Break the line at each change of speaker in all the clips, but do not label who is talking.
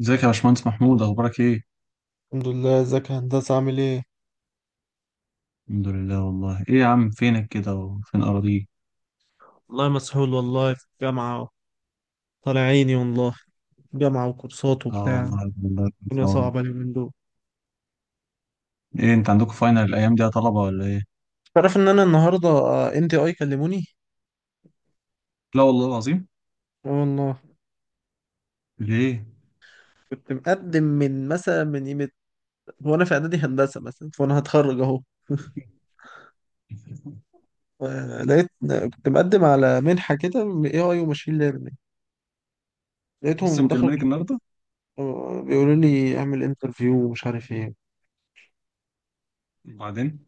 ازيك يا باشمهندس محمود اخبارك ايه؟
الحمد لله. ازيك يا هندسة؟ عامل ايه؟
الحمد لله. والله ايه يا عم، فينك كده وفين اراضيك؟
والله مسحول، والله في الجامعة. طالع عيني والله. جامعة وكورسات
اه
وبتاع.
والله، الله يكون في
الدنيا
عونك.
صعبة اليومين دول.
ايه انت عندكم فاينل الايام دي يا طلبه ولا ايه؟
تعرف ان انا النهارده ان تي اي كلموني.
لا والله العظيم.
اه والله.
ليه؟
كنت مقدم من مثلا، من قيمه. وانا في اعدادي هندسه مثلا فانا هتخرج اهو. لقيت، كنت مقدم على منحه كده اي اي وماشين ليرنينج.
لسه
لقيتهم دخلوا.
مكلمينك
كلموني،
النهارده؟
بيقولوا لي اعمل انترفيو ومش عارف ايه.
وبعدين؟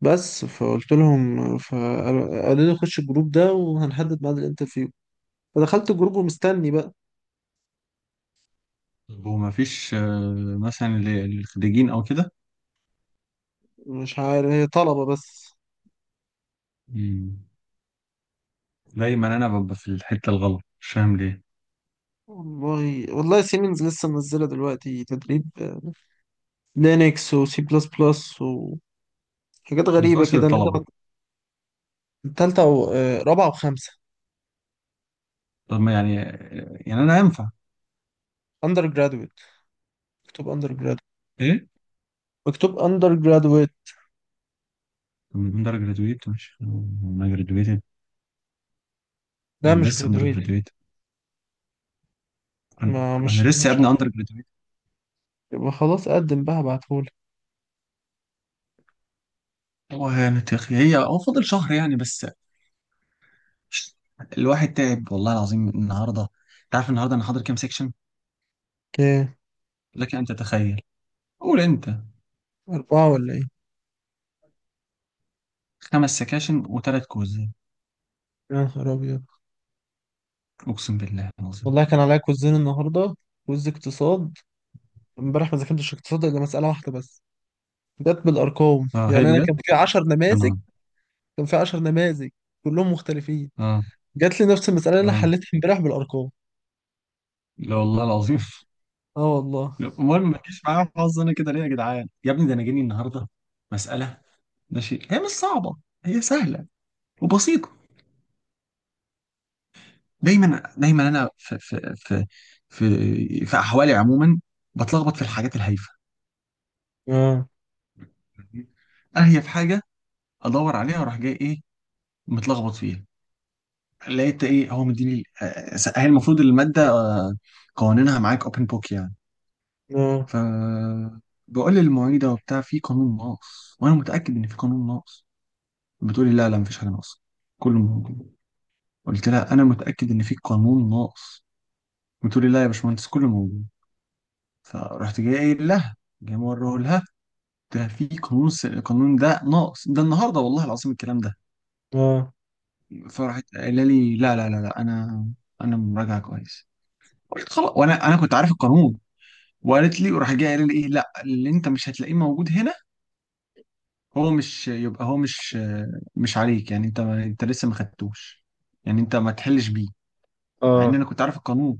بس فقلت لهم، فقالوا لي خش الجروب ده وهنحدد ميعاد الانترفيو. فدخلت الجروب ومستني بقى.
هو ما فيش مثلا للخريجين او كده؟
مش عارف، هي طلبة بس.
مم. دايما انا ببقى في الحته الغلط، مش فاهم ليه.
والله والله، سيمنز لسه منزلة دلوقتي تدريب لينكس وسي بلس بلس وحاجات
ما
غريبة
بتقولش
كده، اللي هي
للطلبه؟
تالتة و رابعة وخمسة.
طب ما يعني، يعني انا ينفع؟
اندر جرادويت، مكتوب اندر جرادويت،
ايه؟
مكتوب اندر جرادويت.
طب من اندر جرادويت، مش انا جرادويتد؟
لا،
انا
مش
لسه اندر.
جرادويت.
انا
ما
أنا
مش
لسه يا
مش
ابني
عارف.
اندر جراديويت.
يبقى خلاص قدم بقى، هبعتهولك.
هو يعني تخ- هي هو فاضل شهر يعني بس. الواحد تعب والله العظيم النهارده. انت عارف النهارده انا حاضر كام سيكشن؟
ايه،
لك ان تتخيل. قول انت.
أربعة ولا ايه؟
خمس سكاشن وثلاث كويزات.
يا نهار أبيض.
اقسم بالله العظيم.
والله كان عليا كوزين النهاردة، كوز اقتصاد. امبارح ما ذاكرتش اقتصاد إلا مسألة واحدة بس. جت بالارقام،
اه هي
يعني انا
بجد.
كان في 10
يا
نماذج،
نهار.
كان في 10 نماذج كلهم مختلفين.
اه،
جات لي نفس المساله اللي انا
اه.
حليتها امبارح بالارقام.
لا والله العظيم
اه والله.
لا، امال ما تجيش معايا حظ؟ انا كده ليه يا جدعان؟ يا ابني ده انا جاني النهارده مساله، ماشي هي مش صعبه، هي سهله وبسيطه. دايما دايما انا في احوالي عموما بتلخبط في الحاجات الهايفه.
اه،
اهي في حاجه ادور عليها واروح جاي ايه، متلخبط فيها. لقيت ايه، هو مديني، هي المفروض الماده، قوانينها معاك اوبن بوك يعني.
اه،
ف بقول للمعيده وبتاع في قانون ناقص، وانا متاكد ان في قانون ناقص. بتقولي لا لا، مفيش حاجه ناقصه، كله موجود. قلت لها انا متاكد ان في قانون ناقص. بتقولي لا يا باشمهندس، كله موجود. فرحت جاي قايل لها، جاي موريه لها، ده في قانون القانون ده ناقص ده، النهارده والله العظيم الكلام ده.
اه،
فراحت قايله لي لا لا لا لا، انا مراجعه كويس. قلت خلاص، وانا كنت عارف القانون. وقالت لي، وراح جاي قايله لي ايه، لا اللي انت مش هتلاقيه موجود هنا، هو مش يبقى هو مش، مش عليك يعني، انت لسه ما خدتوش، يعني انت ما تحلش بيه. مع ان
اه.
انا كنت عارف القانون.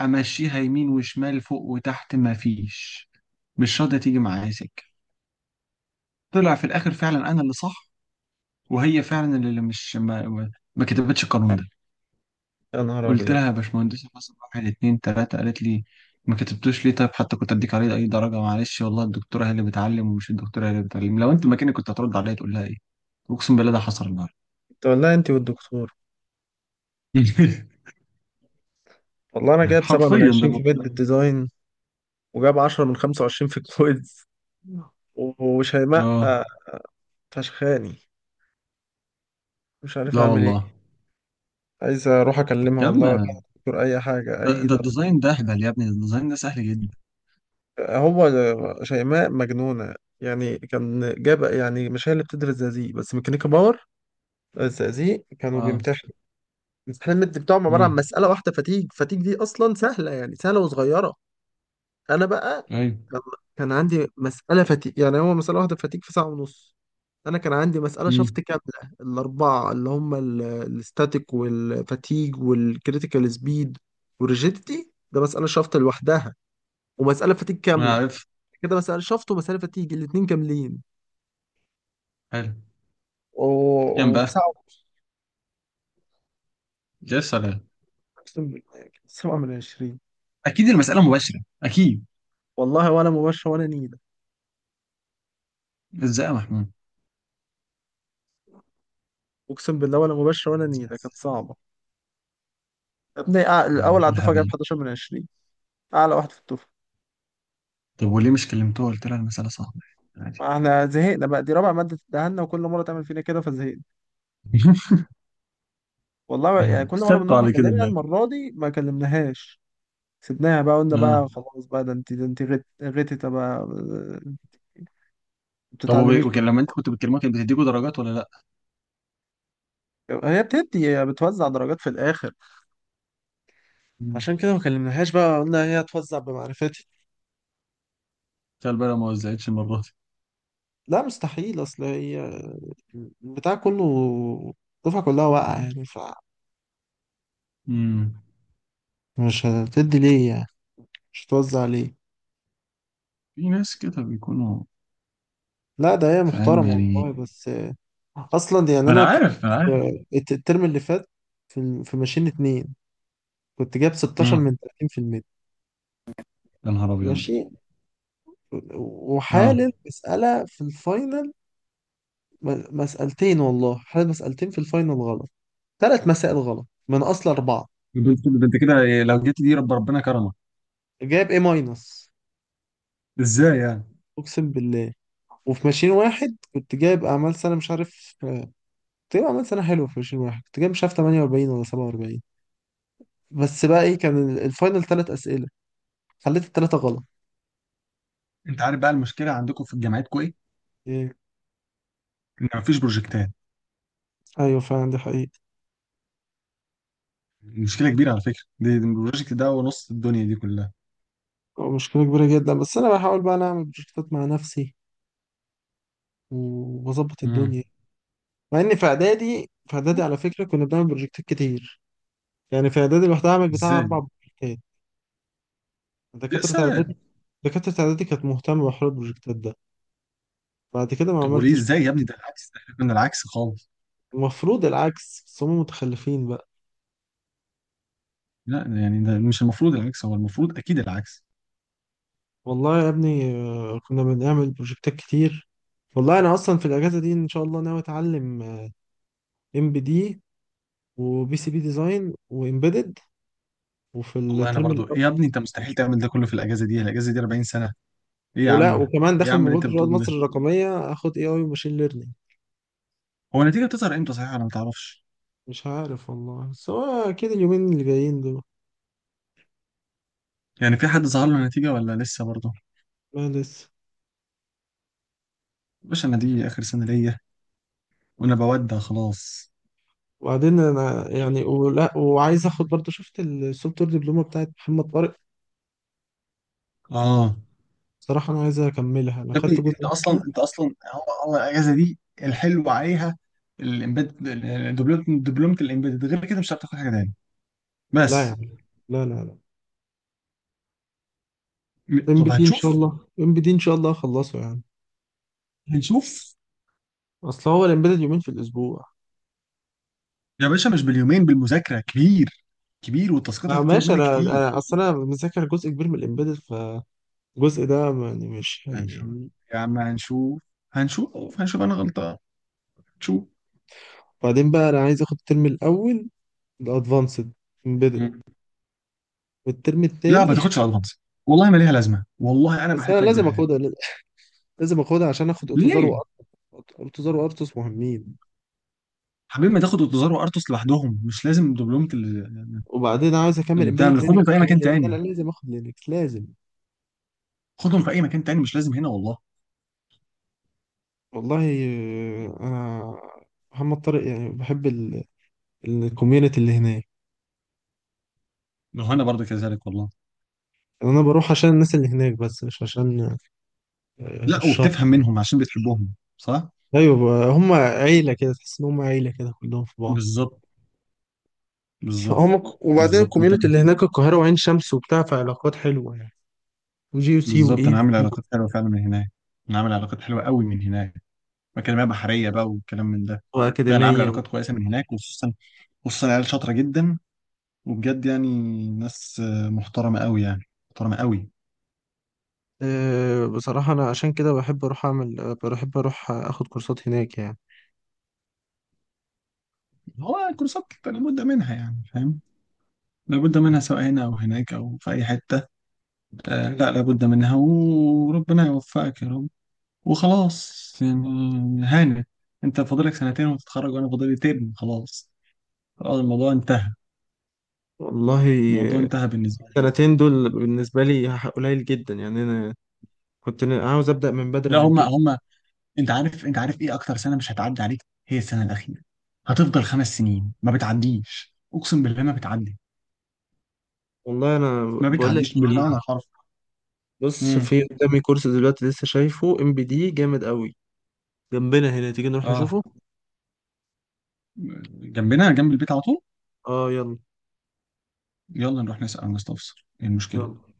امشيها يمين وشمال فوق وتحت، ما فيش، مش راضيه تيجي معايا سكه. طلع في الاخر فعلا انا اللي صح، وهي فعلا اللي مش ما كتبتش القانون ده.
يا نهار
قلت
ابيض.
لها يا باشمهندسة، حصل واحد اتنين تلاتة. قالت لي ما كتبتوش ليه؟ طيب حتى كنت اديك عليه اي درجة. معلش والله الدكتورة هي اللي بتعلم، ومش الدكتورة هي اللي بتعلم. لو انت مكاني كنت هترد عليا تقول لها ايه؟ اقسم بالله ده حصل النهارده
انت والله، انت والدكتور. والله انا جايب سبعة من
حرفيا ده
عشرين في
المفروض.
بيت الديزاين، وجايب 10 من 25 في الكويز. وشيماء
اه.
فشخاني. مش عارف
لا
اعمل ايه.
والله.
عايز اروح اكلمها
يا
والله، ولا
عم،
الدكتور، اي حاجة،
ده,
اي
ده
ضرب.
الديزاين ده اهبل يا ابني، ده الديزاين ده سهل جدا.
هو شيماء مجنونة، يعني كان جاب. يعني مش هي اللي بتدرس زقازيق بس، ميكانيكا باور. الزقازيق كانوا
اه.
بيمتحنوا. الامتحان المد بتاعهم عبارة عن
امم.
مسألة واحدة فتيج. فتيج دي أصلا سهلة يعني، سهلة وصغيرة. أنا بقى
ايوه.
كان كان عندي مسألة فتيج، يعني هو مسألة واحدة فتيج في ساعة ونص. أنا كان عندي مسألة شفط
امم.
كاملة، الأربعة اللي هم الاستاتيك والفتيج والكريتيكال سبيد والريجيديتي. ده مسألة شفط لوحدها، ومسألة فتيج
انا
كاملة.
عارف.
كده مسافة شفط ومسافة تيجي الاتنين كاملين.
حلو. كام
وفي
بقى؟
ساعة ونص.
يا سلام.
أقسم بالله كانت 7 من 20.
اكيد المسألة مباشرة، اكيد.
والله، ولا مباشرة ولا نيلة.
ازاي يا محمود؟
أقسم بالله ولا مباشرة ولا نيلة، كانت صعبة. يا ابني، الأول على
إيه
الدفعة جايب
الهبل؟
11 من 20، أعلى واحد في الدفعة.
طب وليه مش كلمتوها، قلت لها المسألة صعبة، عادي؟
احنا زهقنا بقى، دي رابع مادة تدهنا وكل مرة تعمل فينا كده فزهقنا. والله يعني كل مرة
خدتوا
بنروح
على كده
نكلمها،
بقى.
المرة دي ما كلمناهاش. سيبناها بقى، قلنا
اه.
بقى خلاص بقى، ده انت غتت بقى ما
طب وب-
بتتعلميش
وكان
بقى.
لما انت كنت بتكلمها كانت بتديكوا درجات ولا لا؟
هي بتوزع درجات في الآخر.
مم.
عشان كده ما كلمناهاش بقى، قلنا هي هتوزع بمعرفتي.
تخيل بقى لو ما وزعتش المرة دي.
لا مستحيل، اصل هي البتاع كله، الدفعة كلها واقعة يعني.
مم.
فمش هتدي ليه؟ يعني مش هتوزع ليه.
في ناس كده بيكونوا.
لا، ده هي
فاهم
محترمة
يعني.
والله، بس اصلا يعني
ما انا
انا كنت
عارف، ما انا عارف.
الترم اللي فات في ماشين اتنين كنت جايب 16
مم.
من 30%.
يا نهار ابيض.
ماشي.
اه.
وحالل مسألة في الفاينل، مسألتين. والله حالل مسألتين في الفاينل غلط، ثلاث مسائل غلط من اصل اربعة.
ده انت، ده انت كده لو جيت دي، ربنا كرمك.
جايب ايه، ماينس.
ازاي يعني؟
اقسم بالله. وفي ماشين واحد كنت جايب اعمال سنه مش عارف، كنت جايب اعمال سنه حلوه. في ماشين واحد كنت جايب مش عارف، 48 ولا 47. بس بقى ايه، كان الفاينل ثلاث اسئله، خليت الثلاثه غلط.
انت عارف بقى المشكلة عندكم في جامعتكم ايه؟
ايه.
ان مفيش بروجكتات.
ايوه فعلا، دي حقيقه.
مشكلة كبيرة على فكرة دي البروجكت ده، ونص الدنيا دي كلها.
مشكله كبيره جدا، بس انا بحاول بقى، أنا اعمل بروجكتات مع نفسي واظبط الدنيا. مع ان في
مم.
اعدادي على فكره كنا بنعمل بروجكتات كتير. يعني في اعدادي لوحدها اعمل بتاع
ازاي؟
اربع بروجكتات.
يا
دكاتره اعدادي
سلام.
دكاتره اعدادي كانت مهتمه بحوار البروجكتات ده. بعد كده ما
وليه؟
عملتش.
ازاي يا ابني، ده العكس، ده احنا كنا العكس خالص.
المفروض العكس، بس هم متخلفين بقى.
لا يعني ده مش المفروض العكس، هو المفروض اكيد العكس.
والله يا ابني، كنا بنعمل بروجكتات كتير. والله انا اصلا في الاجازه دي ان شاء الله ناوي اتعلم ام بي دي وبي سي بي ديزاين وامبيدد، وفي
والله انا
الترم
برضو إيه
الأول.
يا ابني، انت مستحيل تعمل ده كله في الاجازه دي 40 سنه. ايه يا
ولا
عم.
وكمان
ايه يا
داخل
عم اللي انت
مبادره رواد
بتقوله
مصر
ده؟
الرقميه اخد اي اي وماشين ليرنينج.
هو النتيجه بتظهر امتى صحيح؟ انا ما تعرفش.
مش عارف والله، بس هو اكيد اليومين اللي جايين دول.
يعني في حد ظهر له النتيجه ولا لسه برضو؟
ما لسه.
باشا انا دي اخر سنه ليا، وانا بودع خلاص.
وبعدين انا يعني، ولا وعايز اخد برضه، شفت السوفت وير دبلومه بتاعت محمد طارق.
اه.
صراحه انا عايز اكملها، انا
يا ابني
خدت
انت
جزء
اصلا
منها.
انت اصلا هو الاجازه دي الحلو عليها الامبيد. دبلومه الامبيد، غير كده مش هتعرف تاخد حاجه تاني.
لا يا
بس.
عم، لا، لا، لا. ام بي
طب
دي ان شاء
هنشوف.
الله، ام بي دي ان شاء الله اخلصه يعني.
هنشوف.
اصل هو الامبيدد يومين في الاسبوع.
يا باشا مش باليومين، بالمذاكرة كبير، كبير، والتاسكات
آه
هتطلب
ماشي،
منك
انا
كتير.
انا اصل انا مذاكر جزء كبير من الامبيدد، فالجزء ده يعني مش هي...
هنشوف يا عم، هنشوف هنشوف هنشوف، انا غلطان، هنشوف.
بعدين بقى انا عايز اخد الترم الاول، الادفانسد امبيدد،
مم.
والترم
لا
التاني
ما تاخدش الادفانس، والله ما ليها لازمة، والله انا
بس انا
بحلف لك
لازم
بالله.
اخدها، لازم اخدها عشان اخد اوتوزار
ليه؟
وارتوس. اوتوزار وارتوس مهمين.
حبيبي ما تاخد اوتوزار وارتوس لوحدهم، مش لازم دبلومة ال-،
وبعدين عاوز اكمل
اللي بتاع
امبيدد
اللي خدهم
لينكس
في اي
كمان،
مكان
لان انا
تاني،
لازم اخد لينكس لازم.
خدهم في اي مكان تاني، مش لازم هنا والله.
والله، انا محمد طارق يعني بحب الكوميونتي اللي هناك.
ما هو انا برضه كذلك والله.
انا بروح عشان الناس اللي هناك، بس مش عشان
لا، وبتفهم
الشر.
منهم عشان بتحبهم، صح.
ايوه بقى، هم عيله كده، تحس ان هم عيله كده كلهم في بعض.
بالظبط. بالظبط.
فهم وبعدين
بالظبط
الكوميونتي
انت.
اللي هناك القاهره وعين شمس وبتاع، فعلاقات حلوه يعني. وجي يو سي
بالظبط،
واي
انا عامل
سي
علاقات حلوه فعلا من هناك. انا عامل علاقات حلوه قوي من هناك، مكالمات بحريه بقى والكلام من ده. لا انا عامل
واكاديميه و...
علاقات كويسه من هناك، وخصوصا خصوصا عيال شاطره جدا، وبجد يعني ناس، محترمه قوي يعني، محترمه قوي.
أه بصراحه انا عشان كده بحب اروح اعمل، بحب اروح اخد كورسات هناك يعني.
هو الكورسات لابد منها يعني، فاهم، لابد منها سواء هنا او هناك او في اي حته. آه لا، لابد منها، وربنا يوفقك يا رب. وخلاص يعني هانت، انت فاضلك سنتين وتتخرج، وانا فاضلي ترم خلاص. خلاص الموضوع انتهى.
والله،
الموضوع انتهى بالنسبه لي.
السنتين دول بالنسبة لي قليل جدا يعني. أنا كنت عاوز أبدأ من بدري
لا،
عن
هم
كده.
هم انت عارف ايه اكتر سنه مش هتعدي عليك؟ هي السنه الاخيره، هتفضل خمس سنين ما بتعديش، اقسم بالله ما بتعدي،
والله أنا
ما
بقول لك
بتعديش بالمعنى
إيه،
الحرفي.
بص
امم.
في قدامي كورس دلوقتي، لسه شايفه ام بي دي جامد قوي جنبنا هنا، تيجي نروح
اه.
نشوفه.
جنبنا، جنب البيت على طول.
اه يلا،
يلا نروح نسال مستفسر ايه المشكله.
يلا.